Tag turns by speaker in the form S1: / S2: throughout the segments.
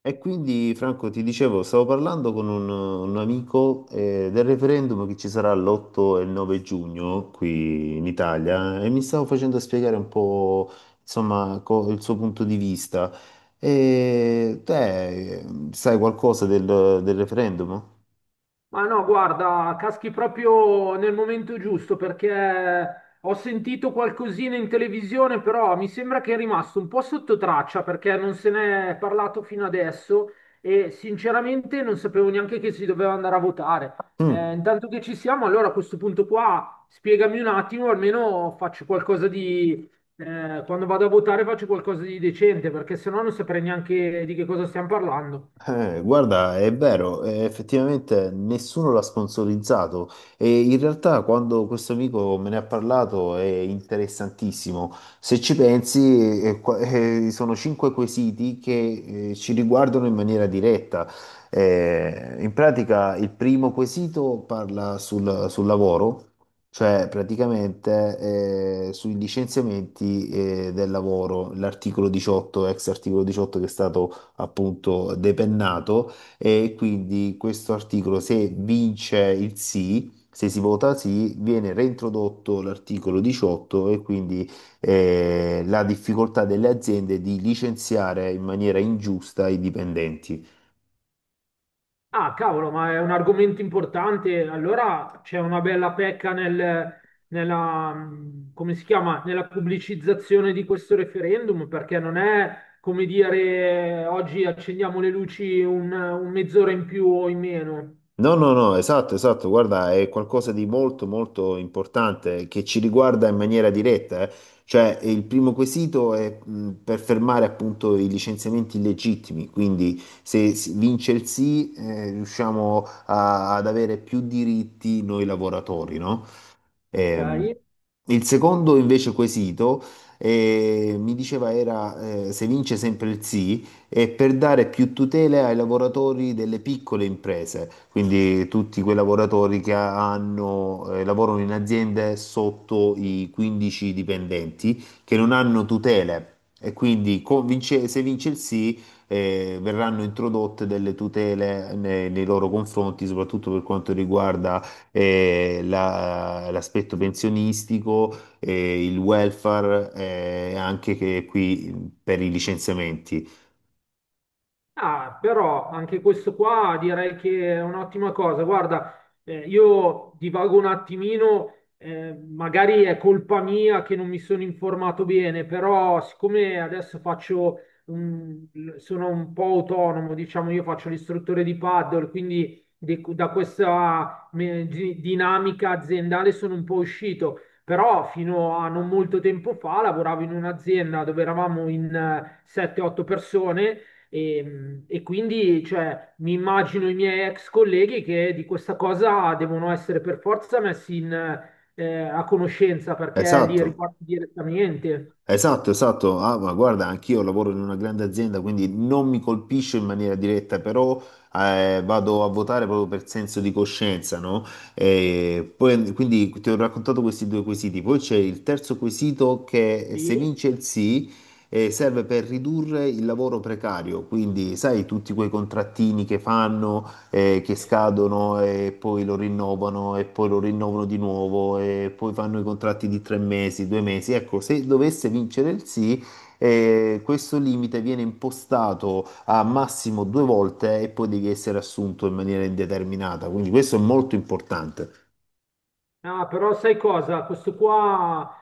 S1: E quindi Franco ti dicevo, stavo parlando con un amico, del referendum che ci sarà l'8 e il 9 giugno qui in Italia e mi stavo facendo spiegare un po' insomma il suo punto di vista. E te, sai qualcosa del referendum?
S2: Ma no, guarda, caschi proprio nel momento giusto perché ho sentito qualcosina in televisione, però mi sembra che è rimasto un po' sotto traccia perché non se n'è parlato fino adesso e sinceramente non sapevo neanche che si doveva andare a votare.
S1: Mm.
S2: Intanto che ci siamo, allora a questo punto qua spiegami un attimo, almeno faccio qualcosa di… quando vado a votare faccio qualcosa di decente perché sennò non saprei neanche di che cosa stiamo parlando.
S1: Guarda, è vero, effettivamente nessuno l'ha sponsorizzato e in realtà quando questo amico me ne ha parlato è interessantissimo. Se ci pensi, sono cinque quesiti che, ci riguardano in maniera diretta. In pratica il primo quesito parla sul lavoro, cioè praticamente, sui licenziamenti, del lavoro, l'articolo 18, ex articolo 18 che è stato appunto depennato, e quindi questo articolo se vince il sì, se si vota sì, viene reintrodotto l'articolo 18 e quindi la difficoltà delle aziende di licenziare in maniera ingiusta i dipendenti.
S2: Ah, cavolo, ma è un argomento importante. Allora c'è una bella pecca nella, come si chiama? Nella pubblicizzazione di questo referendum, perché non è come dire oggi accendiamo le luci un mezz'ora in più o in meno,
S1: No, no, no, esatto, esatto, guarda, è qualcosa di molto, molto importante che ci riguarda in maniera diretta, eh. Cioè, il primo quesito è per fermare appunto i licenziamenti illegittimi, quindi se vince il sì, riusciamo ad avere più diritti noi lavoratori, no? Ehm,
S2: ok?
S1: il secondo invece quesito, mi diceva, era, se vince sempre il sì, è per dare più tutele ai lavoratori delle piccole imprese, quindi tutti quei lavoratori che hanno, lavorano in aziende sotto i 15 dipendenti che non hanno tutele e quindi se vince il sì, verranno introdotte delle tutele nei loro confronti, soprattutto per quanto riguarda l'aspetto pensionistico, il welfare, anche che qui per i licenziamenti.
S2: Ah, però anche questo qua direi che è un'ottima cosa. Guarda, io divago un attimino, magari è colpa mia che non mi sono informato bene, però siccome adesso faccio un- sono un po' autonomo, diciamo, io faccio l'istruttore di paddle, quindi da questa dinamica aziendale sono un po' uscito. Però fino a non molto tempo fa lavoravo in un'azienda dove eravamo in 7-8 persone e quindi, cioè, mi immagino i miei ex colleghi che di questa cosa devono essere per forza messi a conoscenza perché li
S1: Esatto.
S2: riguarda direttamente.
S1: Esatto, esatto. Ah, ma guarda, anch'io lavoro in una grande azienda, quindi non mi colpisce in maniera diretta, però, vado a votare proprio per senso di coscienza, no? E poi, quindi ti ho raccontato questi due quesiti. Poi c'è il terzo quesito che, se
S2: Sì.
S1: vince il sì, serve per ridurre il lavoro precario. Quindi, sai, tutti quei contrattini che fanno, che scadono e poi lo rinnovano e poi lo rinnovano di nuovo e poi fanno i contratti di tre mesi, due mesi. Ecco, se dovesse vincere il sì, questo limite viene impostato a massimo due volte e poi devi essere assunto in maniera indeterminata. Quindi questo è molto importante.
S2: Ah, però sai cosa? Questo qua,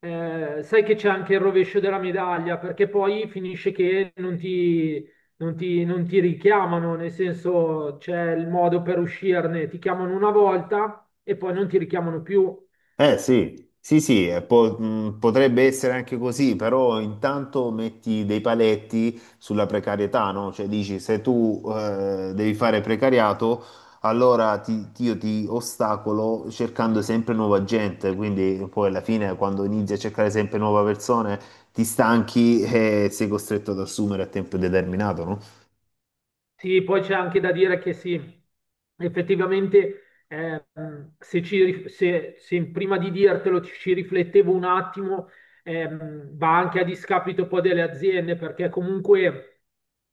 S2: sai che c'è anche il rovescio della medaglia perché poi finisce che non ti richiamano, nel senso c'è il modo per uscirne, ti chiamano una volta e poi non ti richiamano più.
S1: Eh sì, sì, sì, potrebbe essere anche così, però intanto metti dei paletti sulla precarietà, no? Cioè dici se tu, devi fare precariato, allora io ti ostacolo cercando sempre nuova gente, quindi poi alla fine quando inizi a cercare sempre nuove persone ti stanchi e sei costretto ad assumere a tempo determinato, no?
S2: Sì, poi c'è anche da dire che sì, effettivamente se, se prima di dirtelo ci riflettevo un attimo, va anche a discapito poi delle aziende, perché comunque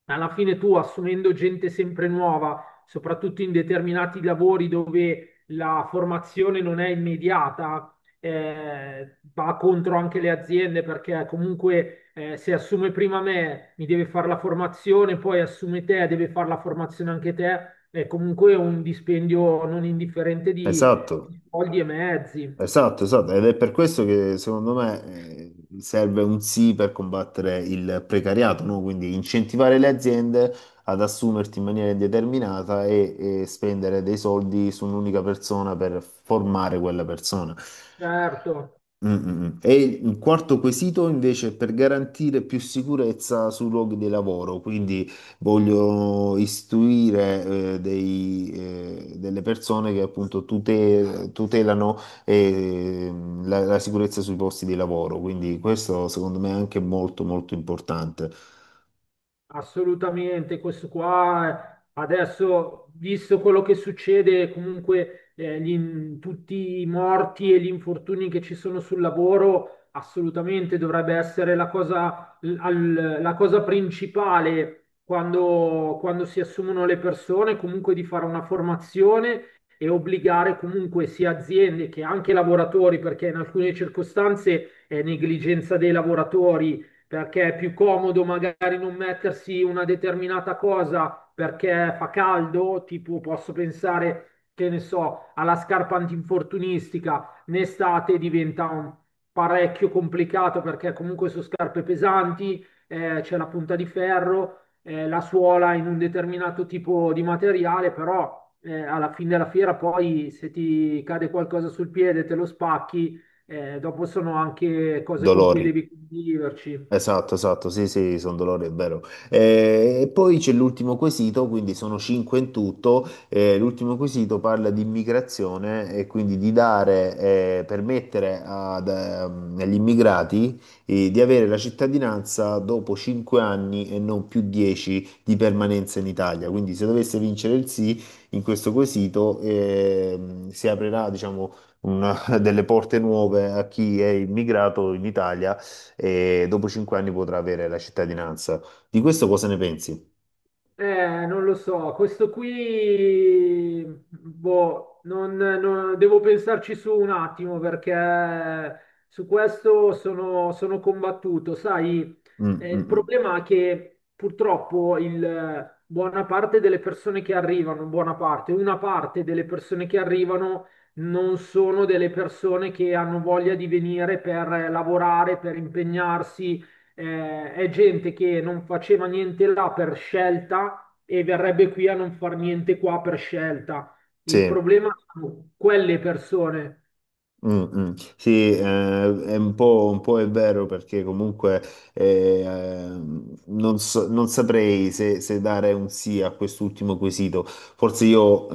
S2: alla fine tu assumendo gente sempre nuova, soprattutto in determinati lavori dove la formazione non è immediata, va contro anche le aziende perché comunque se assume prima me mi deve fare la formazione, poi assume te, deve fare la formazione anche te, è comunque un dispendio non indifferente
S1: Esatto.
S2: di soldi e mezzi,
S1: Esatto, esatto, ed è per questo che secondo me, serve un sì per combattere il precariato, no? Quindi incentivare le aziende ad assumerti in maniera indeterminata e spendere dei soldi su un'unica persona per formare quella persona.
S2: certo.
S1: Mm, mm, mm. E il quarto quesito invece è per garantire più sicurezza sui luoghi di lavoro, quindi voglio istruire, delle persone che appunto tutelano eh, la, la sicurezza sui posti di lavoro, quindi questo secondo me è anche molto molto importante.
S2: Assolutamente, questo qua adesso, visto quello che succede, comunque tutti i morti e gli infortuni che ci sono sul lavoro, assolutamente dovrebbe essere la cosa, la cosa principale quando si assumono le persone, comunque di fare una formazione e obbligare comunque sia aziende che anche lavoratori, perché in alcune circostanze è negligenza dei lavoratori perché è più comodo magari non mettersi una determinata cosa perché fa caldo, tipo posso pensare, che ne so, alla scarpa antinfortunistica, in estate diventa parecchio complicato perché comunque sono scarpe pesanti, c'è la punta di ferro, la suola in un determinato tipo di materiale, però alla fine della fiera poi se ti cade qualcosa sul piede, te lo spacchi, dopo sono anche cose con cui
S1: Dolori.
S2: devi conviverci.
S1: Esatto, esatto, sì, sì, sono dolori, è vero. E poi c'è l'ultimo quesito, quindi sono cinque in tutto. L'ultimo quesito parla di immigrazione e quindi di dare, permettere ad, agli immigrati, di avere la cittadinanza dopo cinque anni e non più dieci di permanenza in Italia. Quindi se dovesse vincere il sì in questo quesito, si aprirà, diciamo, una- delle porte nuove a chi è immigrato in Italia e dopo cinque anni potrà avere la cittadinanza. Di questo cosa ne pensi?
S2: Non lo so, questo qui, boh, devo pensarci su un attimo perché su questo sono, sono combattuto. Sai,
S1: Mm, mm,
S2: il
S1: mm.
S2: problema è che purtroppo buona parte delle persone che arrivano, buona parte, una parte delle persone che arrivano non sono delle persone che hanno voglia di venire per lavorare, per impegnarsi è gente che non faceva niente là per scelta e verrebbe qui a non far niente qua per scelta. Il
S1: Sì.
S2: problema sono quelle persone.
S1: Mm, mm. Sì, è un po' è vero perché comunque non saprei se, se dare un sì a quest'ultimo quesito. Forse io,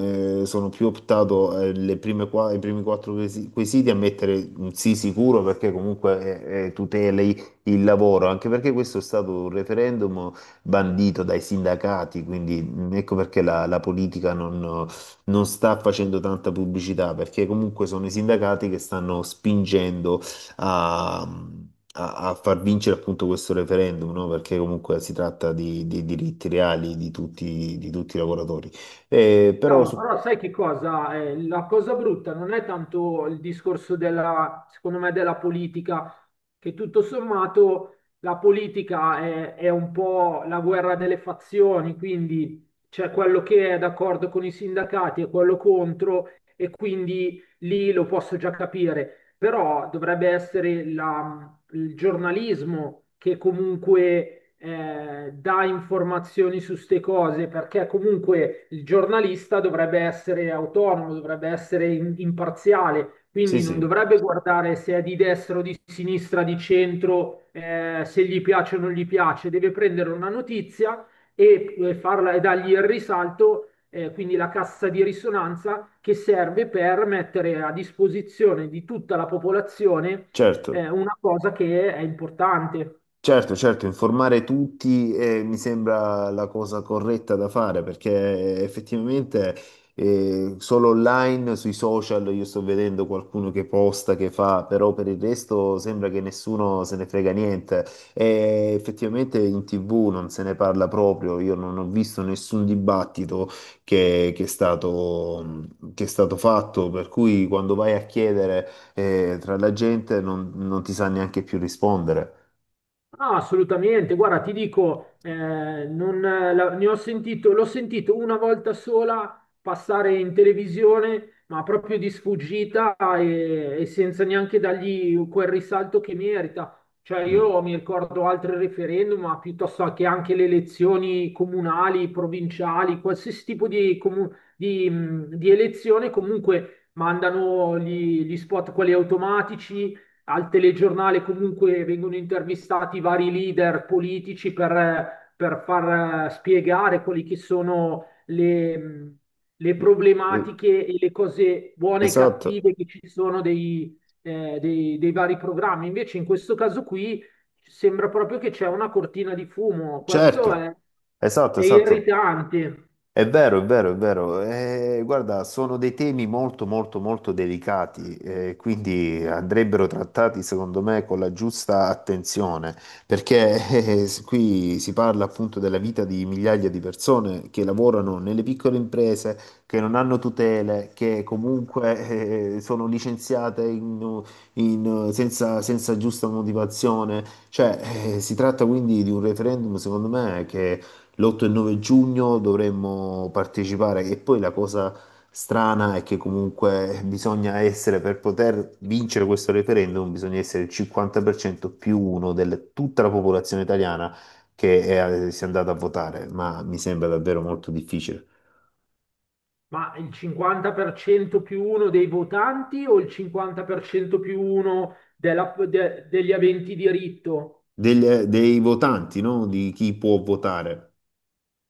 S1: sono più optato, le i primi quattro quesiti a mettere un sì sicuro perché comunque, tuteli il lavoro, anche perché questo è stato un referendum bandito dai sindacati, quindi mm, ecco perché la politica non sta facendo tanta pubblicità perché comunque sono i sindacati che stanno spingendo a far vincere appunto questo referendum, no? Perché comunque si tratta di diritti reali di tutti i lavoratori. Eh, però
S2: Cavolo,
S1: su-
S2: però sai che cosa? La cosa brutta non è tanto il discorso della, secondo me, della politica, che tutto sommato la politica è un po' la guerra delle fazioni, quindi c'è quello che è d'accordo con i sindacati e quello contro, e quindi lì lo posso già capire, però dovrebbe essere la, il giornalismo che comunque dà informazioni su ste cose, perché comunque il giornalista dovrebbe essere autonomo, dovrebbe essere imparziale,
S1: sì,
S2: quindi non
S1: sì,
S2: dovrebbe guardare se è di destra o di sinistra, di centro, se gli piace o non gli piace, deve prendere una notizia e farla, e dargli il risalto quindi la cassa di risonanza che serve per mettere a disposizione di tutta la popolazione è
S1: certo.
S2: una cosa che è importante.
S1: Certo, certo, informare tutti, mi sembra la cosa corretta da fare perché effettivamente, solo online, sui social, io sto vedendo qualcuno che posta, che fa, però per il resto sembra che nessuno se ne frega niente. E effettivamente in TV non se ne parla proprio, io non ho visto nessun dibattito che, che è stato, che è stato fatto, per cui quando vai a chiedere, tra la gente non ti sa neanche più rispondere.
S2: Ah, assolutamente, guarda, ti dico, non, la- ne ho sentito, l'ho sentito una volta sola passare in televisione, ma proprio di sfuggita e senza neanche dargli quel risalto che merita. Cioè,
S1: Mm.
S2: io mi ricordo altri referendum, ma piuttosto che anche le elezioni comunali, provinciali, qualsiasi tipo di elezione, comunque mandano gli spot, quelli automatici al telegiornale comunque vengono intervistati vari leader politici per far spiegare quelli che sono le
S1: Eh,
S2: problematiche e le cose buone e
S1: Esatto,
S2: cattive che ci sono dei vari programmi. Invece in questo caso qui sembra proprio che c'è una cortina di fumo.
S1: certo, esatto,
S2: È
S1: esatto.
S2: irritante.
S1: È vero, è vero, è vero. Guarda, sono dei temi molto, molto, molto delicati, quindi andrebbero trattati, secondo me, con la giusta attenzione, perché qui si parla appunto della vita di migliaia di persone che lavorano nelle piccole imprese, che non hanno tutele, che comunque, sono licenziate senza, senza giusta motivazione. Cioè, si tratta quindi di un referendum, secondo me, l'8 e 9 giugno dovremmo partecipare e poi la cosa strana è che comunque bisogna essere, per poter vincere questo referendum, bisogna essere il 50% più uno di tutta la popolazione italiana che è, si è andata a votare, ma mi sembra davvero molto difficile.
S2: Ma il 50% più uno dei votanti o il 50% più uno degli aventi diritto?
S1: Dei votanti, no? Di chi può votare.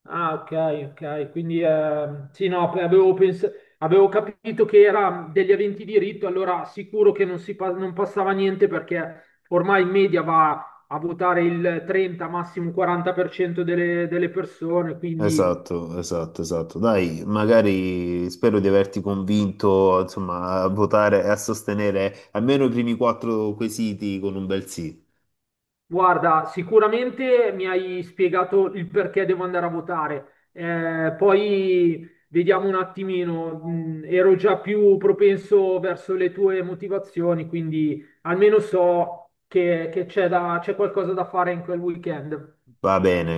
S2: Ah, ok, ok. Quindi sì, no, avevo capito che era degli aventi diritto, allora sicuro che non, non passava niente perché ormai in media va a votare il 30, massimo 40% delle, delle persone, quindi.
S1: Esatto, esatto, esatto. Dai, magari spero di averti convinto, insomma, a votare e a sostenere almeno i primi quattro quesiti con un bel sì.
S2: Guarda, sicuramente mi hai spiegato il perché devo andare a votare. Poi vediamo un attimino, ero già più propenso verso le tue motivazioni, quindi almeno so che c'è qualcosa da fare in quel weekend.
S1: Va bene.